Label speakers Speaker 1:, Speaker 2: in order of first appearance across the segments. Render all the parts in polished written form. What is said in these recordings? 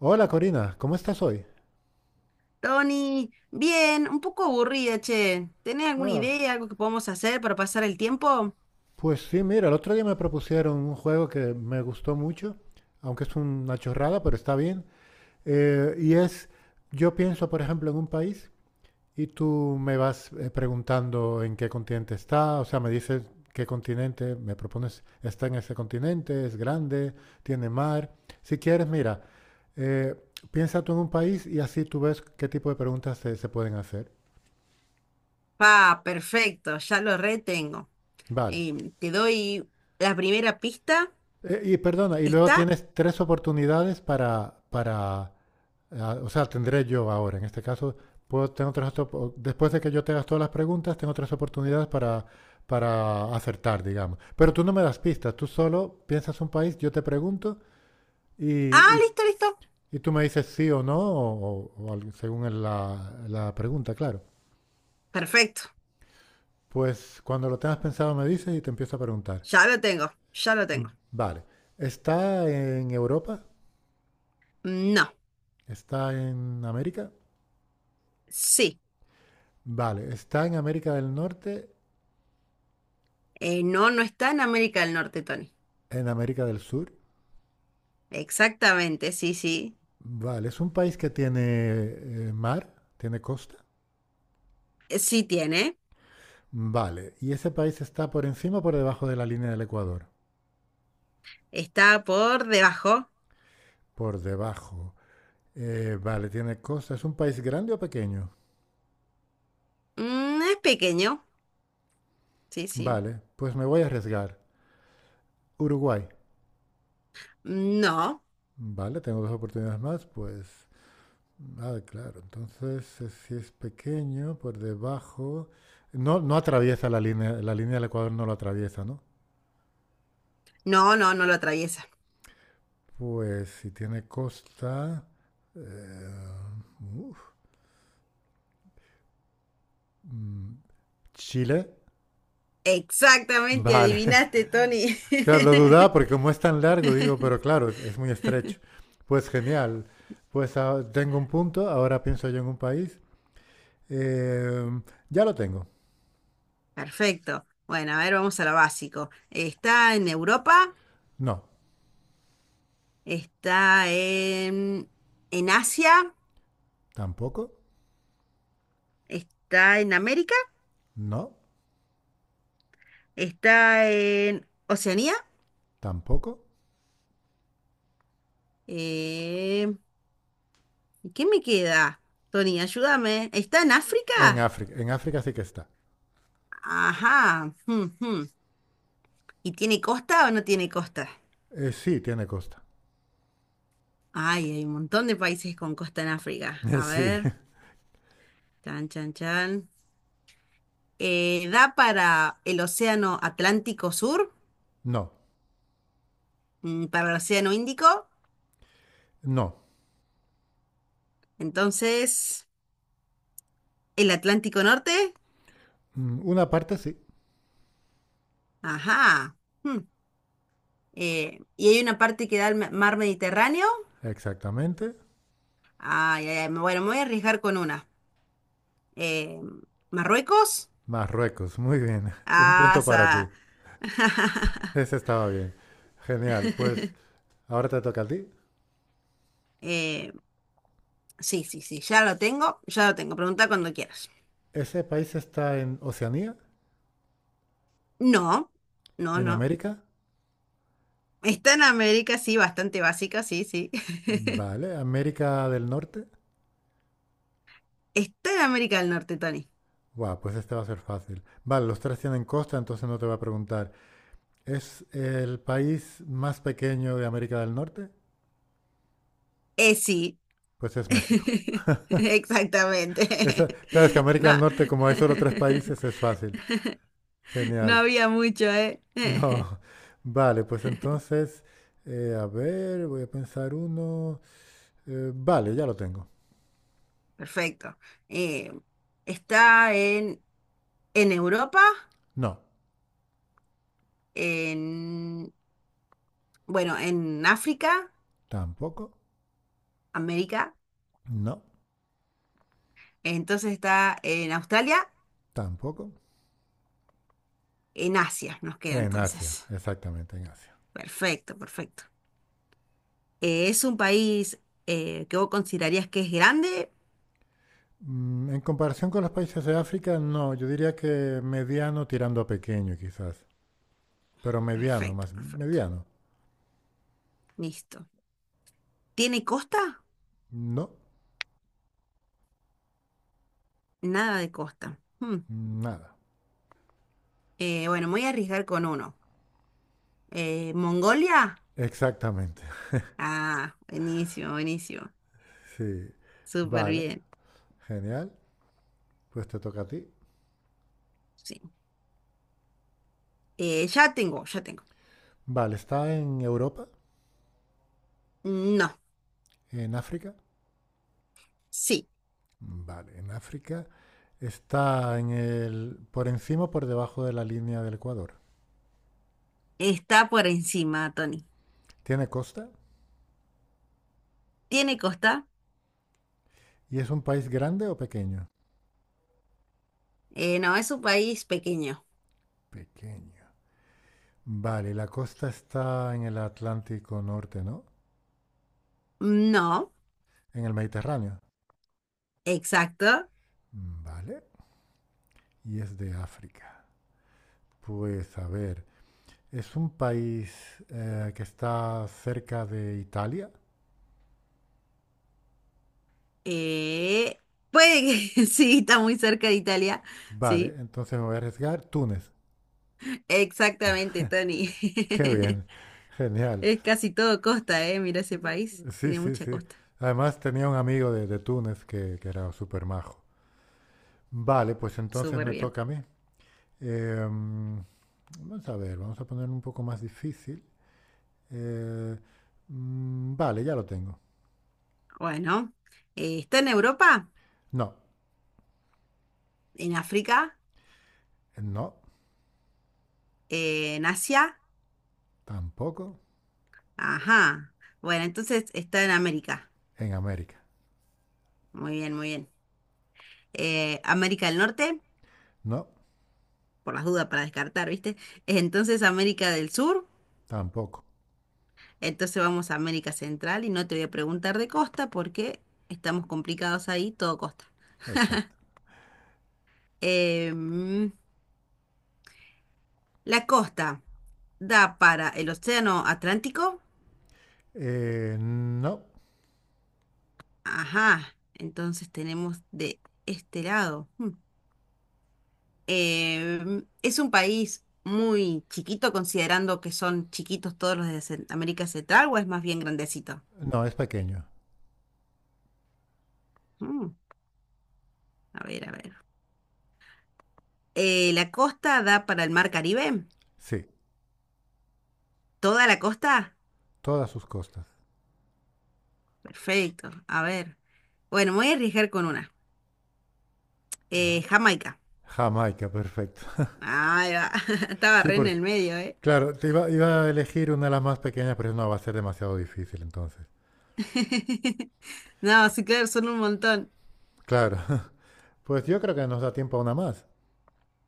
Speaker 1: Hola Corina, ¿cómo estás hoy?
Speaker 2: Tony, bien, un poco aburrida, che. ¿Tenés alguna
Speaker 1: Ah,
Speaker 2: idea, algo que podamos hacer para pasar el tiempo?
Speaker 1: pues sí, mira, el otro día me propusieron un juego que me gustó mucho, aunque es una chorrada, pero está bien. Eh, y es, yo pienso, por ejemplo, en un país y tú me vas preguntando en qué continente está, o sea, me dices qué continente, me propones, está en ese continente, es grande, tiene mar. Si quieres, mira, eh, piensa tú en un país y así tú ves qué tipo de preguntas se pueden hacer.
Speaker 2: Ah, perfecto, ya lo retengo.
Speaker 1: Vale.
Speaker 2: Te doy la primera pista.
Speaker 1: Y perdona, y luego
Speaker 2: ¿Está?
Speaker 1: tienes tres oportunidades ah, o sea, tendré yo ahora, en este caso, puedo, tengo tres, después de que yo te haga todas las preguntas, tengo tres oportunidades para acertar, digamos. Pero tú no me das pistas, tú solo piensas un país, yo te pregunto
Speaker 2: Ah,
Speaker 1: y, y-
Speaker 2: listo, listo.
Speaker 1: y tú me dices sí o no, o algo según la, la pregunta, claro.
Speaker 2: Perfecto,
Speaker 1: Pues cuando lo tengas pensado me dices y te empiezo a preguntar.
Speaker 2: ya lo tengo, ya lo tengo.
Speaker 1: Vale, ¿está en Europa?
Speaker 2: No,
Speaker 1: ¿Está en América?
Speaker 2: sí.
Speaker 1: Vale, está en América del Norte,
Speaker 2: No, no está en América del Norte, Tony.
Speaker 1: en América del Sur.
Speaker 2: Exactamente, sí, sí.
Speaker 1: Vale, es un país que tiene mar, tiene costa.
Speaker 2: Sí tiene.
Speaker 1: Vale, ¿y ese país está por encima o por debajo de la línea del Ecuador?
Speaker 2: Está por debajo.
Speaker 1: Por debajo. Vale, tiene costa. ¿Es un país grande o pequeño?
Speaker 2: Mm, es pequeño, sí, sí.
Speaker 1: Vale, pues me voy a arriesgar. Uruguay.
Speaker 2: No,
Speaker 1: Vale, tengo dos oportunidades más, pues... Ah, claro. Entonces, si es pequeño, por debajo... No, no atraviesa la línea del Ecuador no lo atraviesa, ¿no?
Speaker 2: no, no lo atraviesa.
Speaker 1: Pues si tiene costa, eh, uf, mm, Chile.
Speaker 2: Exactamente,
Speaker 1: Vale.
Speaker 2: adivinaste, Tony.
Speaker 1: Claro, lo dudaba porque como es tan largo, digo, pero claro, es muy estrecho. Pues genial. Pues ah, tengo un punto, ahora pienso yo en un país. Eh, ya lo tengo.
Speaker 2: Perfecto. Bueno, a ver, vamos a lo básico. ¿Está en Europa,
Speaker 1: No,
Speaker 2: está en Asia,
Speaker 1: tampoco.
Speaker 2: está en América,
Speaker 1: No,
Speaker 2: está en Oceanía?
Speaker 1: tampoco.
Speaker 2: Eh, ¿Y qué me queda? Tony, ayúdame. ¿Está en
Speaker 1: En
Speaker 2: África?
Speaker 1: África. En África sí que está.
Speaker 2: Ajá, jum, jum. ¿Y tiene costa o no tiene costa?
Speaker 1: Sí, tiene costa.
Speaker 2: Ay, hay un montón de países con costa en África. A
Speaker 1: Sí.
Speaker 2: ver, chan, chan, chan. ¿Da para el Océano Atlántico Sur,
Speaker 1: No,
Speaker 2: mm, para el Océano Índico,
Speaker 1: no.
Speaker 2: entonces el Atlántico Norte?
Speaker 1: Mm, una parte sí,
Speaker 2: Ajá, hmm, y hay una parte que da al mar Mediterráneo.
Speaker 1: exactamente.
Speaker 2: Ay, ay, ay, bueno, me voy a arriesgar con una. Eh, Marruecos,
Speaker 1: Marruecos, muy bien. Un punto para ti.
Speaker 2: asa.
Speaker 1: Ese estaba bien. Genial. Pues ahora te toca a ti.
Speaker 2: Eh, sí, sí, sí, ya lo tengo. Pregunta cuando quieras.
Speaker 1: ¿Ese país está en Oceanía?
Speaker 2: No, no,
Speaker 1: ¿En
Speaker 2: no.
Speaker 1: América?
Speaker 2: Está en América, sí, bastante básica, sí, sí.
Speaker 1: Vale. ¿América del Norte?
Speaker 2: Está en América del Norte, Tony.
Speaker 1: Guau, pues este va a ser fácil. Vale, los tres tienen costa, entonces no te voy a preguntar. ¿Es el país más pequeño de América del Norte?
Speaker 2: Sí.
Speaker 1: Pues es México.
Speaker 2: Exactamente.
Speaker 1: Esa- claro, es que América del
Speaker 2: No.
Speaker 1: Norte, como hay solo tres países, es fácil.
Speaker 2: No
Speaker 1: Genial.
Speaker 2: había mucho, ¿eh?
Speaker 1: No, vale, pues entonces, a ver, voy a pensar uno. Vale, ya lo tengo.
Speaker 2: Perfecto. Eh, Está en Europa,
Speaker 1: No,
Speaker 2: en, bueno, en África,
Speaker 1: tampoco.
Speaker 2: América.
Speaker 1: No,
Speaker 2: Entonces está en Australia,
Speaker 1: tampoco.
Speaker 2: en Asia nos queda
Speaker 1: En Asia,
Speaker 2: entonces.
Speaker 1: exactamente, en Asia.
Speaker 2: Perfecto, perfecto. ¿Es un país que vos considerarías que es grande?
Speaker 1: Mm, en comparación con los países de África, no, yo diría que mediano tirando a pequeño quizás, pero mediano,
Speaker 2: Perfecto,
Speaker 1: más
Speaker 2: perfecto.
Speaker 1: mediano.
Speaker 2: Listo. ¿Tiene costa?
Speaker 1: No,
Speaker 2: Nada de costa. Hmm.
Speaker 1: nada.
Speaker 2: Bueno, me voy a arriesgar con uno. ¿Mongolia?
Speaker 1: Exactamente,
Speaker 2: Ah, buenísimo, buenísimo.
Speaker 1: sí.
Speaker 2: Súper
Speaker 1: Vale,
Speaker 2: bien.
Speaker 1: genial. Pues te toca a ti.
Speaker 2: Sí. Ya tengo, ya tengo.
Speaker 1: Vale, ¿está en Europa?
Speaker 2: No,
Speaker 1: ¿En África?
Speaker 2: sí,
Speaker 1: Vale, en África está en el, ¿por encima o por debajo de la línea del Ecuador?
Speaker 2: está por encima, Tony.
Speaker 1: ¿Tiene costa?
Speaker 2: ¿Tiene costa?
Speaker 1: ¿Y es un país grande o pequeño?
Speaker 2: No, es un país pequeño.
Speaker 1: Pequeño. Vale, la costa está en el Atlántico Norte, ¿no?
Speaker 2: No,
Speaker 1: En el Mediterráneo.
Speaker 2: exacto.
Speaker 1: Vale, y es de África. Pues a ver, ¿es un país que está cerca de Italia?
Speaker 2: Eh, Puede que sí, está muy cerca de Italia.
Speaker 1: Vale,
Speaker 2: Sí,
Speaker 1: entonces me voy a arriesgar Túnez.
Speaker 2: exactamente, Tony.
Speaker 1: Qué bien, genial.
Speaker 2: Es casi todo costa, ¿eh? Mira ese país,
Speaker 1: Sí,
Speaker 2: tiene
Speaker 1: sí,
Speaker 2: mucha
Speaker 1: sí.
Speaker 2: costa.
Speaker 1: Además tenía un amigo de Túnez que era súper majo. Vale, pues entonces
Speaker 2: Súper
Speaker 1: me
Speaker 2: bien.
Speaker 1: toca a mí. Em, vamos a ver, vamos a poner un poco más difícil. Eh, vale, ya lo tengo.
Speaker 2: Bueno, ¿está en Europa?
Speaker 1: No,
Speaker 2: ¿En África?
Speaker 1: no,
Speaker 2: ¿En Asia?
Speaker 1: tampoco
Speaker 2: Ajá. Bueno, entonces está en América.
Speaker 1: en América.
Speaker 2: Muy bien, muy bien. América del Norte,
Speaker 1: No,
Speaker 2: por las dudas para descartar, ¿viste? Entonces América del Sur,
Speaker 1: tampoco.
Speaker 2: entonces vamos a América Central y no te voy a preguntar de costa porque estamos complicados ahí, todo costa.
Speaker 1: Exacto.
Speaker 2: Em, ¿La costa da para el Océano Atlántico?
Speaker 1: No,
Speaker 2: Ajá, entonces tenemos de este lado. Hmm. ¿Es un país muy chiquito, considerando que son chiquitos todos los de América Central, o es más bien grandecito?
Speaker 1: no, es pequeño.
Speaker 2: Hmm, a ver, a ver. ¿La costa da para el mar Caribe?
Speaker 1: Sí,
Speaker 2: ¿Toda la costa?
Speaker 1: todas sus costas.
Speaker 2: Perfecto. A ver. Bueno, me voy a arriesgar con una.
Speaker 1: Vale.
Speaker 2: Jamaica.
Speaker 1: Jamaica, perfecto.
Speaker 2: Ahí va. Estaba
Speaker 1: Sí,
Speaker 2: re en
Speaker 1: por-
Speaker 2: el medio, ¿eh?
Speaker 1: Claro, te iba, iba a elegir una de las más pequeñas, pero no, va a ser demasiado difícil entonces.
Speaker 2: No, sí, claro, son un montón.
Speaker 1: Claro, pues yo creo que nos da tiempo a una más.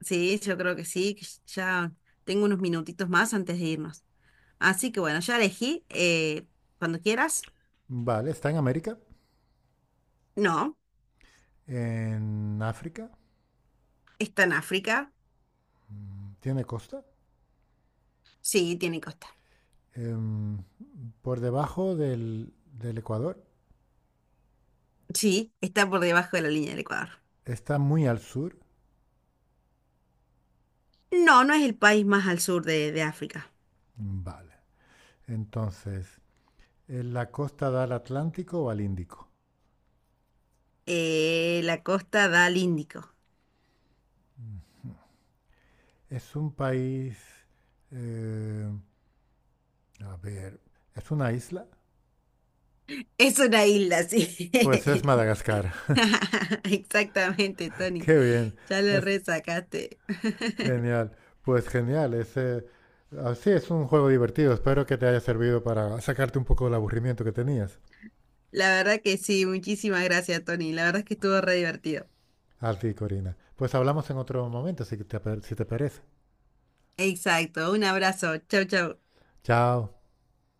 Speaker 2: Sí, yo creo que sí, que ya tengo unos minutitos más antes de irnos. Así que bueno, ya elegí. Cuando quieras.
Speaker 1: Vale, está en América,
Speaker 2: No,
Speaker 1: en África,
Speaker 2: está en África.
Speaker 1: tiene costa,
Speaker 2: Sí, tiene costa.
Speaker 1: em, por debajo del, del Ecuador,
Speaker 2: Sí, está por debajo de la línea del Ecuador.
Speaker 1: está muy al sur.
Speaker 2: No, no es el país más al sur de África.
Speaker 1: Vale, entonces, ¿en la costa da al Atlántico o al Índico?
Speaker 2: La costa da al Índico.
Speaker 1: Es un país, eh, a ver, ¿es una isla?
Speaker 2: Es una isla, sí.
Speaker 1: Pues es Madagascar,
Speaker 2: Exactamente, Tony.
Speaker 1: qué bien.
Speaker 2: Ya le resacaste.
Speaker 1: Genial, pues genial. Ese, así es un juego divertido. Espero que te haya servido para sacarte un poco del aburrimiento que tenías.
Speaker 2: La verdad que sí, muchísimas gracias, Tony. La verdad es que estuvo re divertido.
Speaker 1: Así, Corina. Pues hablamos en otro momento, si te, si te parece.
Speaker 2: Exacto, un abrazo. Chau, chau.
Speaker 1: Chao.